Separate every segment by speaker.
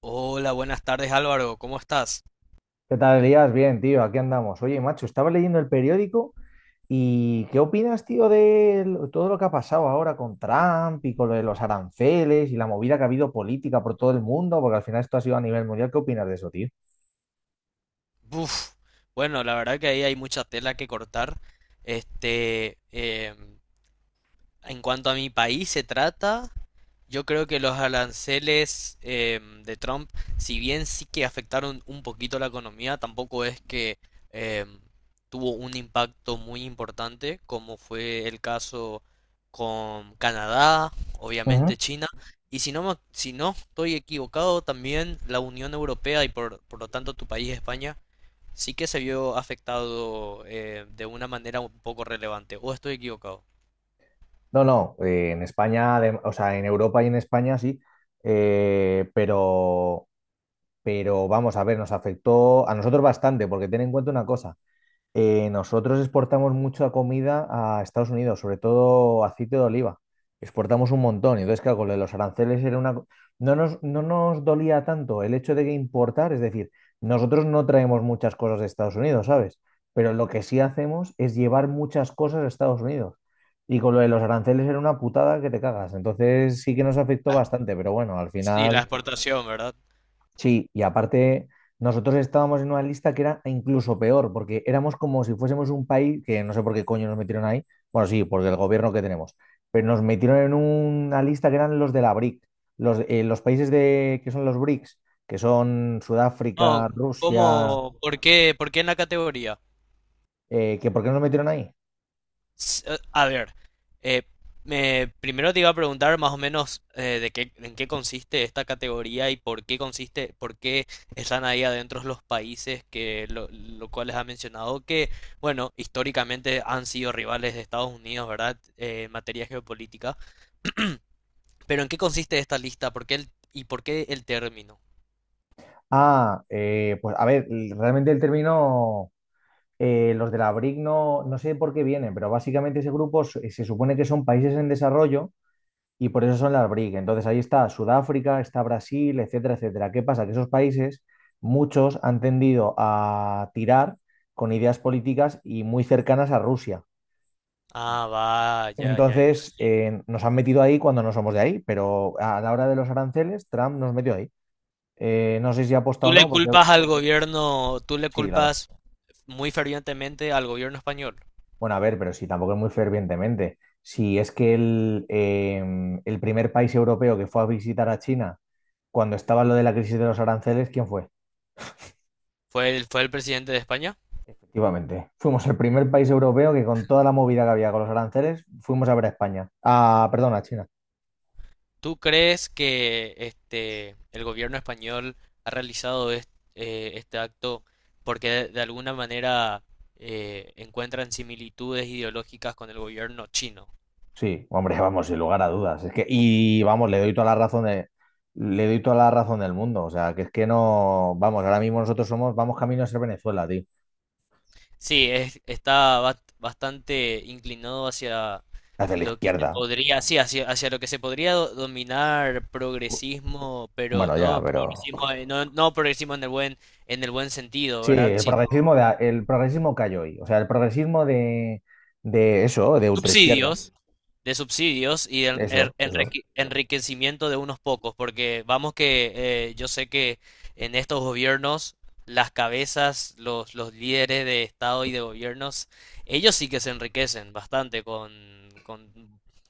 Speaker 1: Hola, buenas tardes Álvaro, ¿cómo estás?
Speaker 2: ¿Qué tal, Elías? Bien, tío, aquí andamos. Oye, macho, estaba leyendo el periódico y ¿qué opinas, tío, de todo lo que ha pasado ahora con Trump y con lo de los aranceles y la movida que ha habido política por todo el mundo? Porque al final esto ha sido a nivel mundial. ¿Qué opinas de eso, tío?
Speaker 1: Buf, bueno, la verdad que ahí hay mucha tela que cortar. Este, em, en cuanto a mi país se trata, yo creo que los aranceles de Trump, si bien sí que afectaron un poquito la economía, tampoco es que em, tuvo un impacto muy importante, como fue el caso con Canadá,
Speaker 2: Ujú.
Speaker 1: obviamente China, y si no, si no estoy equivocado, también la Unión Europea y por lo tanto tu país, España, sí que se vio afectado de una manera un poco relevante. ¿O estoy equivocado?
Speaker 2: No, no, en España, o sea, en Europa y en España sí, eh, pero, pero vamos a ver, nos afectó a nosotros bastante, porque ten en cuenta una cosa. Nosotros exportamos mucha comida a Estados Unidos, sobre todo aceite de oliva. Exportamos un montón. Y entonces, claro, con lo de los aranceles era una. No nos dolía tanto el hecho de que importar, es decir, nosotros no traemos muchas cosas de Estados Unidos, ¿sabes? Pero lo que sí hacemos es llevar muchas cosas a Estados Unidos. Y con lo de los aranceles era una putada que te cagas. Entonces sí que nos afectó
Speaker 1: Ah,
Speaker 2: bastante, pero bueno, al
Speaker 1: sí, la
Speaker 2: final.
Speaker 1: exportación, ¿verdad?
Speaker 2: Sí, y aparte nosotros estábamos en una lista que era incluso peor, porque éramos como si fuésemos un país que no sé por qué coño nos metieron ahí. Bueno, sí, porque el gobierno que tenemos, pero nos metieron en una lista que eran los de la BRIC, los países de, que son los BRICS, que son
Speaker 1: No,
Speaker 2: Sudáfrica, Rusia,
Speaker 1: ¿cómo? ¿Por qué? ¿Por qué en la categoría?
Speaker 2: que ¿por qué nos metieron ahí?
Speaker 1: A ver, eh, primero te iba a preguntar más o menos de qué, en qué consiste esta categoría y por qué consiste, por qué están ahí adentro los países que lo cual les ha mencionado que, bueno, históricamente han sido rivales de Estados Unidos, ¿verdad? En materia geopolítica. Pero ¿en qué consiste esta lista? ¿Por qué el, y por qué el término?
Speaker 2: Pues a ver, realmente el término, los de la BRIC no sé por qué vienen, pero básicamente ese grupo se supone que son países en desarrollo y por eso son las BRIC. Entonces ahí está Sudáfrica, está Brasil, etcétera, etcétera. ¿Qué pasa? Que esos países, muchos han tendido a tirar con ideas políticas y muy cercanas a Rusia.
Speaker 1: Ah, va, ya, ya, ya,
Speaker 2: Entonces
Speaker 1: sí.
Speaker 2: nos han metido ahí cuando no somos de ahí, pero a la hora de los aranceles, Trump nos metió ahí. No sé si ha
Speaker 1: Tú
Speaker 2: o
Speaker 1: le
Speaker 2: no, porque
Speaker 1: culpas al gobierno, tú le
Speaker 2: sí, claro.
Speaker 1: culpas muy fervientemente al gobierno español.
Speaker 2: Bueno, a ver, pero sí, tampoco es muy fervientemente. Si es que el primer país europeo que fue a visitar a China cuando estaba lo de la crisis de los aranceles, ¿quién fue?
Speaker 1: Fue el presidente de España.
Speaker 2: Efectivamente. Fuimos el primer país europeo que con toda la movida que había con los aranceles, fuimos a ver a España. Ah, perdón, a China.
Speaker 1: ¿Tú crees que el gobierno español ha realizado este acto porque de alguna manera encuentran similitudes ideológicas con el gobierno chino?
Speaker 2: Sí, hombre, vamos, sin lugar a dudas. Es que, y vamos, le doy toda la razón del mundo. O sea, que es que no, vamos, ahora mismo nosotros somos, vamos camino a ser Venezuela, tío.
Speaker 1: Sí, está bastante inclinado hacia
Speaker 2: Hacia la
Speaker 1: lo que se
Speaker 2: izquierda.
Speaker 1: podría, sí, hacia lo que se podría dominar progresismo, pero
Speaker 2: Bueno, ya,
Speaker 1: no
Speaker 2: pero.
Speaker 1: progresismo, no progresismo en el en el buen sentido,
Speaker 2: Sí,
Speaker 1: ¿verdad?
Speaker 2: el
Speaker 1: Sino
Speaker 2: progresismo el progresismo cayó hoy. O sea, el progresismo de eso, de ultraizquierda.
Speaker 1: subsidios, de subsidios y de
Speaker 2: Eso, eso.
Speaker 1: enriquecimiento de unos pocos, porque vamos que yo sé que en estos gobiernos las cabezas, los líderes de Estado y de gobiernos, ellos sí que se enriquecen bastante con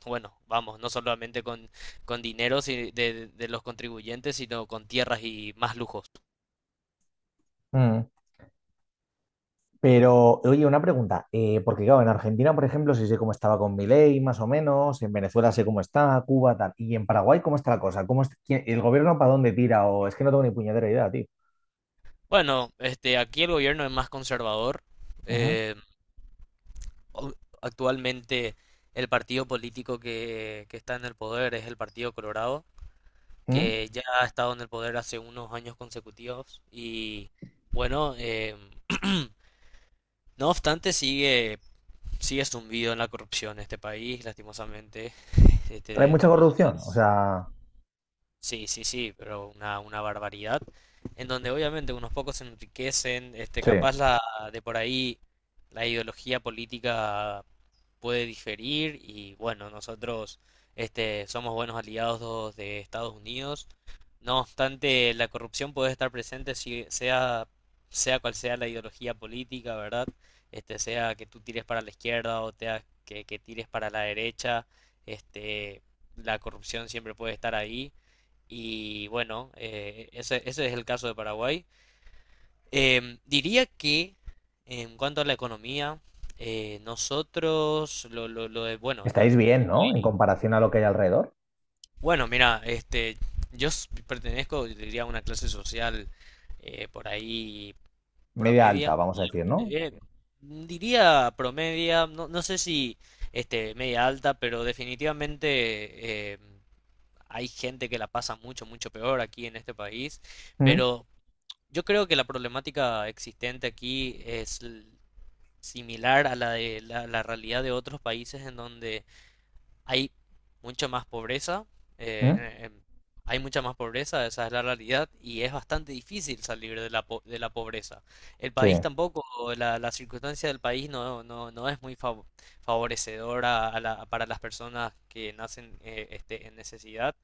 Speaker 1: bueno, vamos, no solamente con dinero de los contribuyentes, sino con tierras y más lujos.
Speaker 2: Mm. Pero, oye, una pregunta, porque claro, en Argentina, por ejemplo, sí sé cómo estaba con Milei, más o menos, en Venezuela sé cómo está, Cuba, tal, y en Paraguay, ¿cómo está la cosa? ¿Cómo el gobierno para dónde tira? O es que no tengo ni puñetera idea, tío.
Speaker 1: Bueno, aquí el gobierno es más conservador.
Speaker 2: Ujú.
Speaker 1: eh, o- Actualmente el partido político que está en el poder es el Partido Colorado,
Speaker 2: ¿Mm?
Speaker 1: que ya ha estado en el poder hace unos años consecutivos y bueno, no obstante sigue zumbido en la corrupción este país, lastimosamente.
Speaker 2: ¿Hay
Speaker 1: Este,
Speaker 2: mucha
Speaker 1: te
Speaker 2: corrupción? O
Speaker 1: podés-
Speaker 2: sea,
Speaker 1: Sí, sí, sí, pero una barbaridad. En donde obviamente unos pocos se enriquecen,
Speaker 2: sí,
Speaker 1: de por ahí la ideología política puede diferir y bueno, nosotros somos buenos aliados de Estados Unidos. No obstante, la corrupción puede estar presente si sea, sea cual sea la ideología política, ¿verdad? Sea que tú tires para la izquierda o sea que tires para la derecha, este, la corrupción siempre puede estar ahí. Y bueno, ese es el caso de Paraguay. Em, diría que en cuanto a la economía, nosotros, lo de, bueno, lo,
Speaker 2: estáis bien, ¿no? En comparación a lo que hay alrededor.
Speaker 1: bueno, mira, pertenezco, yo diría, a una clase social por ahí
Speaker 2: Media alta,
Speaker 1: promedia.
Speaker 2: vamos a decir, ¿no?
Speaker 1: Eh, diría promedia, no, no sé si media alta, pero definitivamente hay gente que la pasa mucho, mucho peor aquí en este país.
Speaker 2: ¿Mm?
Speaker 1: Pero yo creo que la problemática existente aquí es similar a la de la realidad de otros países en donde hay mucha más pobreza, eh,
Speaker 2: ¿Mm?
Speaker 1: en- en- hay mucha más pobreza, esa es la realidad, y es bastante difícil salir de de la pobreza. El
Speaker 2: Sí.
Speaker 1: país tampoco, la circunstancia del país no es muy favorecedora a para las personas que nacen en necesidad,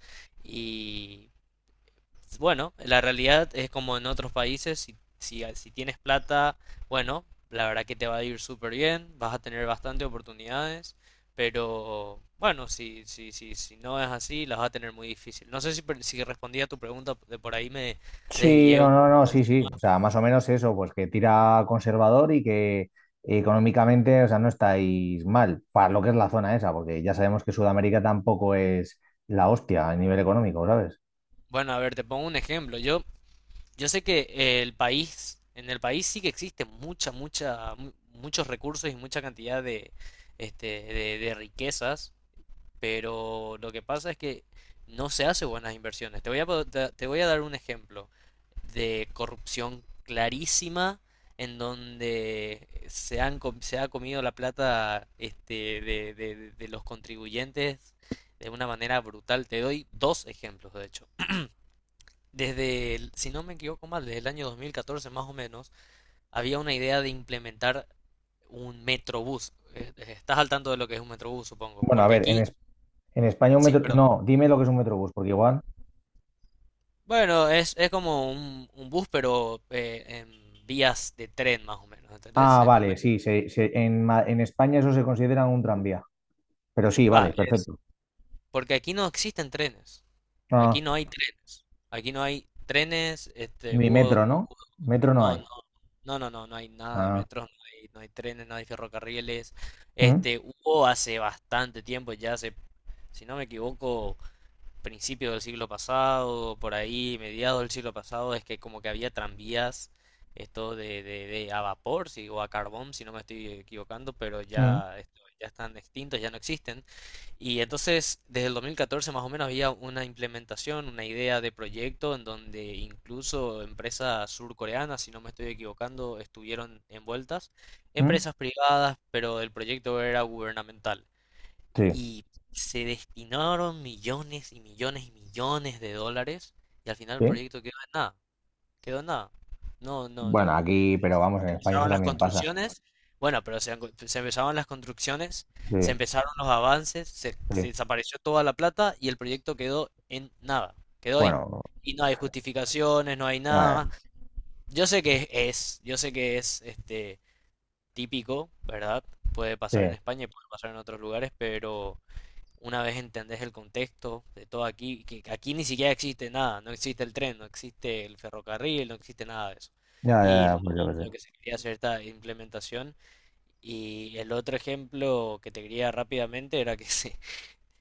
Speaker 1: bueno, la realidad es como en otros países, si tienes plata, bueno, la verdad que te va a ir súper bien, vas a tener bastante oportunidades, pero bueno, si no es así, las vas a tener muy difícil. No sé si respondí a tu pregunta, de por ahí me
Speaker 2: Sí,
Speaker 1: desvié
Speaker 2: no,
Speaker 1: un
Speaker 2: no,
Speaker 1: poco
Speaker 2: no,
Speaker 1: del
Speaker 2: sí,
Speaker 1: tema.
Speaker 2: sí. O sea, más o menos eso, pues que tira conservador y que económicamente, o sea, no estáis mal para lo que es la zona esa, porque ya sabemos que Sudamérica tampoco es la hostia a nivel económico, ¿sabes?
Speaker 1: Bueno, a ver, te pongo un ejemplo. Yo sé que en el país sí que existe muchos recursos y mucha cantidad de, de riquezas. Pero lo que pasa es que no se hace buenas inversiones. Te voy a dar un ejemplo de corrupción clarísima en donde se ha comido la plata de los contribuyentes de una manera brutal. Te doy dos ejemplos, de hecho. Si no me equivoco mal, desde el año 2014 más o menos, había una idea de implementar un metrobús. Estás al tanto de lo que es un metrobús, supongo.
Speaker 2: Bueno, a
Speaker 1: Porque
Speaker 2: ver,
Speaker 1: aquí,
Speaker 2: En España un
Speaker 1: sí,
Speaker 2: metro.
Speaker 1: perdón.
Speaker 2: No, dime lo que es un metrobús, porque igual.
Speaker 1: Bueno, es como un bus, pero en vías de tren más o menos, ¿entendés?
Speaker 2: Ah,
Speaker 1: Es un me-
Speaker 2: vale, sí, en España eso se considera un tranvía. Pero sí,
Speaker 1: Va,
Speaker 2: vale,
Speaker 1: es-
Speaker 2: perfecto.
Speaker 1: Porque aquí no existen trenes.
Speaker 2: Ah,
Speaker 1: Aquí no hay trenes. Aquí no hay trenes,
Speaker 2: ni metro, ¿no?
Speaker 1: hubo-
Speaker 2: Metro no
Speaker 1: no,
Speaker 2: hay.
Speaker 1: no, no hay nada de
Speaker 2: Ah,
Speaker 1: metros, no hay trenes, no hay ferrocarriles.
Speaker 2: mm,
Speaker 1: Hubo hace bastante tiempo, si no me equivoco, principios del siglo pasado, por ahí, mediados del siglo pasado, es que como que había tranvías, de a vapor, si, o a carbón, si no me estoy equivocando, pero
Speaker 2: mm,
Speaker 1: ya, ya están extintos, ya no existen. Y entonces, desde el 2014 más o menos había una implementación, una idea de proyecto en donde incluso empresas surcoreanas, si no me estoy equivocando, estuvieron envueltas,
Speaker 2: mm.
Speaker 1: empresas privadas, pero el proyecto era gubernamental.
Speaker 2: Sí,
Speaker 1: Y se destinaron millones y millones y millones de dólares y al final el
Speaker 2: sí.
Speaker 1: proyecto quedó en nada, quedó en nada. No, no,
Speaker 2: Bueno,
Speaker 1: de-
Speaker 2: aquí, pero vamos, en
Speaker 1: Se
Speaker 2: España eso
Speaker 1: empezaron las
Speaker 2: también pasa.
Speaker 1: construcciones, bueno, pero se, han se empezaron las construcciones,
Speaker 2: Sí,
Speaker 1: se empezaron los avances,
Speaker 2: sí.
Speaker 1: se desapareció toda la plata y el proyecto quedó en nada, quedó ahí.
Speaker 2: Bueno,
Speaker 1: Y no hay justificaciones, no hay
Speaker 2: ya, ya,
Speaker 1: nada. Yo sé que es típico, ¿verdad? Puede
Speaker 2: sí.
Speaker 1: pasar en España y puede pasar en otros lugares, pero una vez entendés el contexto de todo aquí, que aquí ni siquiera existe nada, no existe el tren, no existe el ferrocarril, no existe nada de eso.
Speaker 2: Ya,
Speaker 1: Y
Speaker 2: ya,
Speaker 1: lo,
Speaker 2: ya, pues yo qué
Speaker 1: lo
Speaker 2: sé.
Speaker 1: que se quería hacer esta implementación. Y el otro ejemplo que te quería rápidamente era que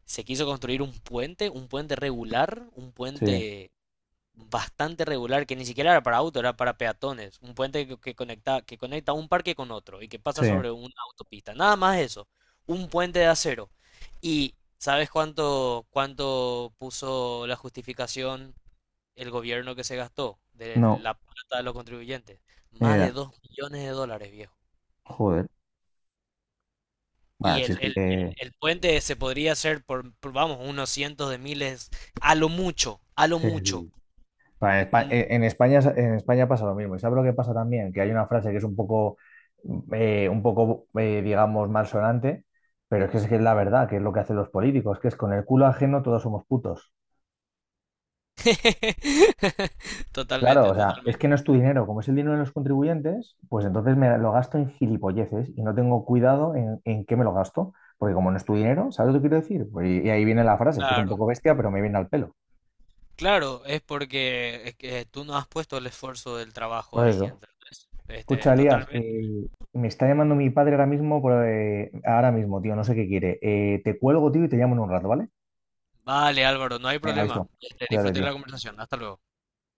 Speaker 1: se quiso construir un puente regular, un
Speaker 2: Sí,
Speaker 1: puente bastante regular, que ni siquiera era para auto, era para peatones, un puente que conecta un parque con otro y que pasa
Speaker 2: sí.
Speaker 1: sobre una autopista, nada más eso, un puente de acero. ¿Y sabes cuánto puso la justificación el gobierno que se gastó de
Speaker 2: No,
Speaker 1: la plata de los contribuyentes?
Speaker 2: ni
Speaker 1: Más de
Speaker 2: idea.
Speaker 1: $2 millones, viejo.
Speaker 2: Joder.
Speaker 1: Y
Speaker 2: Bueno, si es que.
Speaker 1: el puente se podría hacer vamos, unos cientos de miles, a lo mucho, a lo
Speaker 2: Sí,
Speaker 1: mucho.
Speaker 2: sí. Bueno, en España pasa lo mismo. ¿Y sabes lo que pasa también? Que hay una frase que es un poco, digamos, malsonante, pero es que es la verdad, que es lo que hacen los políticos, que es con el culo ajeno todos somos putos. Claro, o
Speaker 1: Totalmente,
Speaker 2: sea, es que
Speaker 1: totalmente.
Speaker 2: no es tu dinero, como es el dinero de los contribuyentes, pues entonces me lo gasto en gilipolleces y no tengo cuidado en qué me lo gasto, porque como no es tu dinero, ¿sabes lo que quiero decir? Pues y ahí viene la frase, que es un
Speaker 1: Claro,
Speaker 2: poco bestia, pero me viene al pelo.
Speaker 1: claro, es porque es que tú no has puesto el esfuerzo del trabajo
Speaker 2: Pues
Speaker 1: ahí,
Speaker 2: eso.
Speaker 1: entonces.
Speaker 2: Escucha, Elías,
Speaker 1: Totalmente.
Speaker 2: me está llamando mi padre ahora mismo, ahora mismo, tío, no sé qué quiere. Te cuelgo, tío, y te llamo en un rato, ¿vale?
Speaker 1: Vale, Álvaro, no hay
Speaker 2: Venga, visto.
Speaker 1: problema.
Speaker 2: Cuídate,
Speaker 1: Disfruté
Speaker 2: tío.
Speaker 1: la conversación. Hasta luego.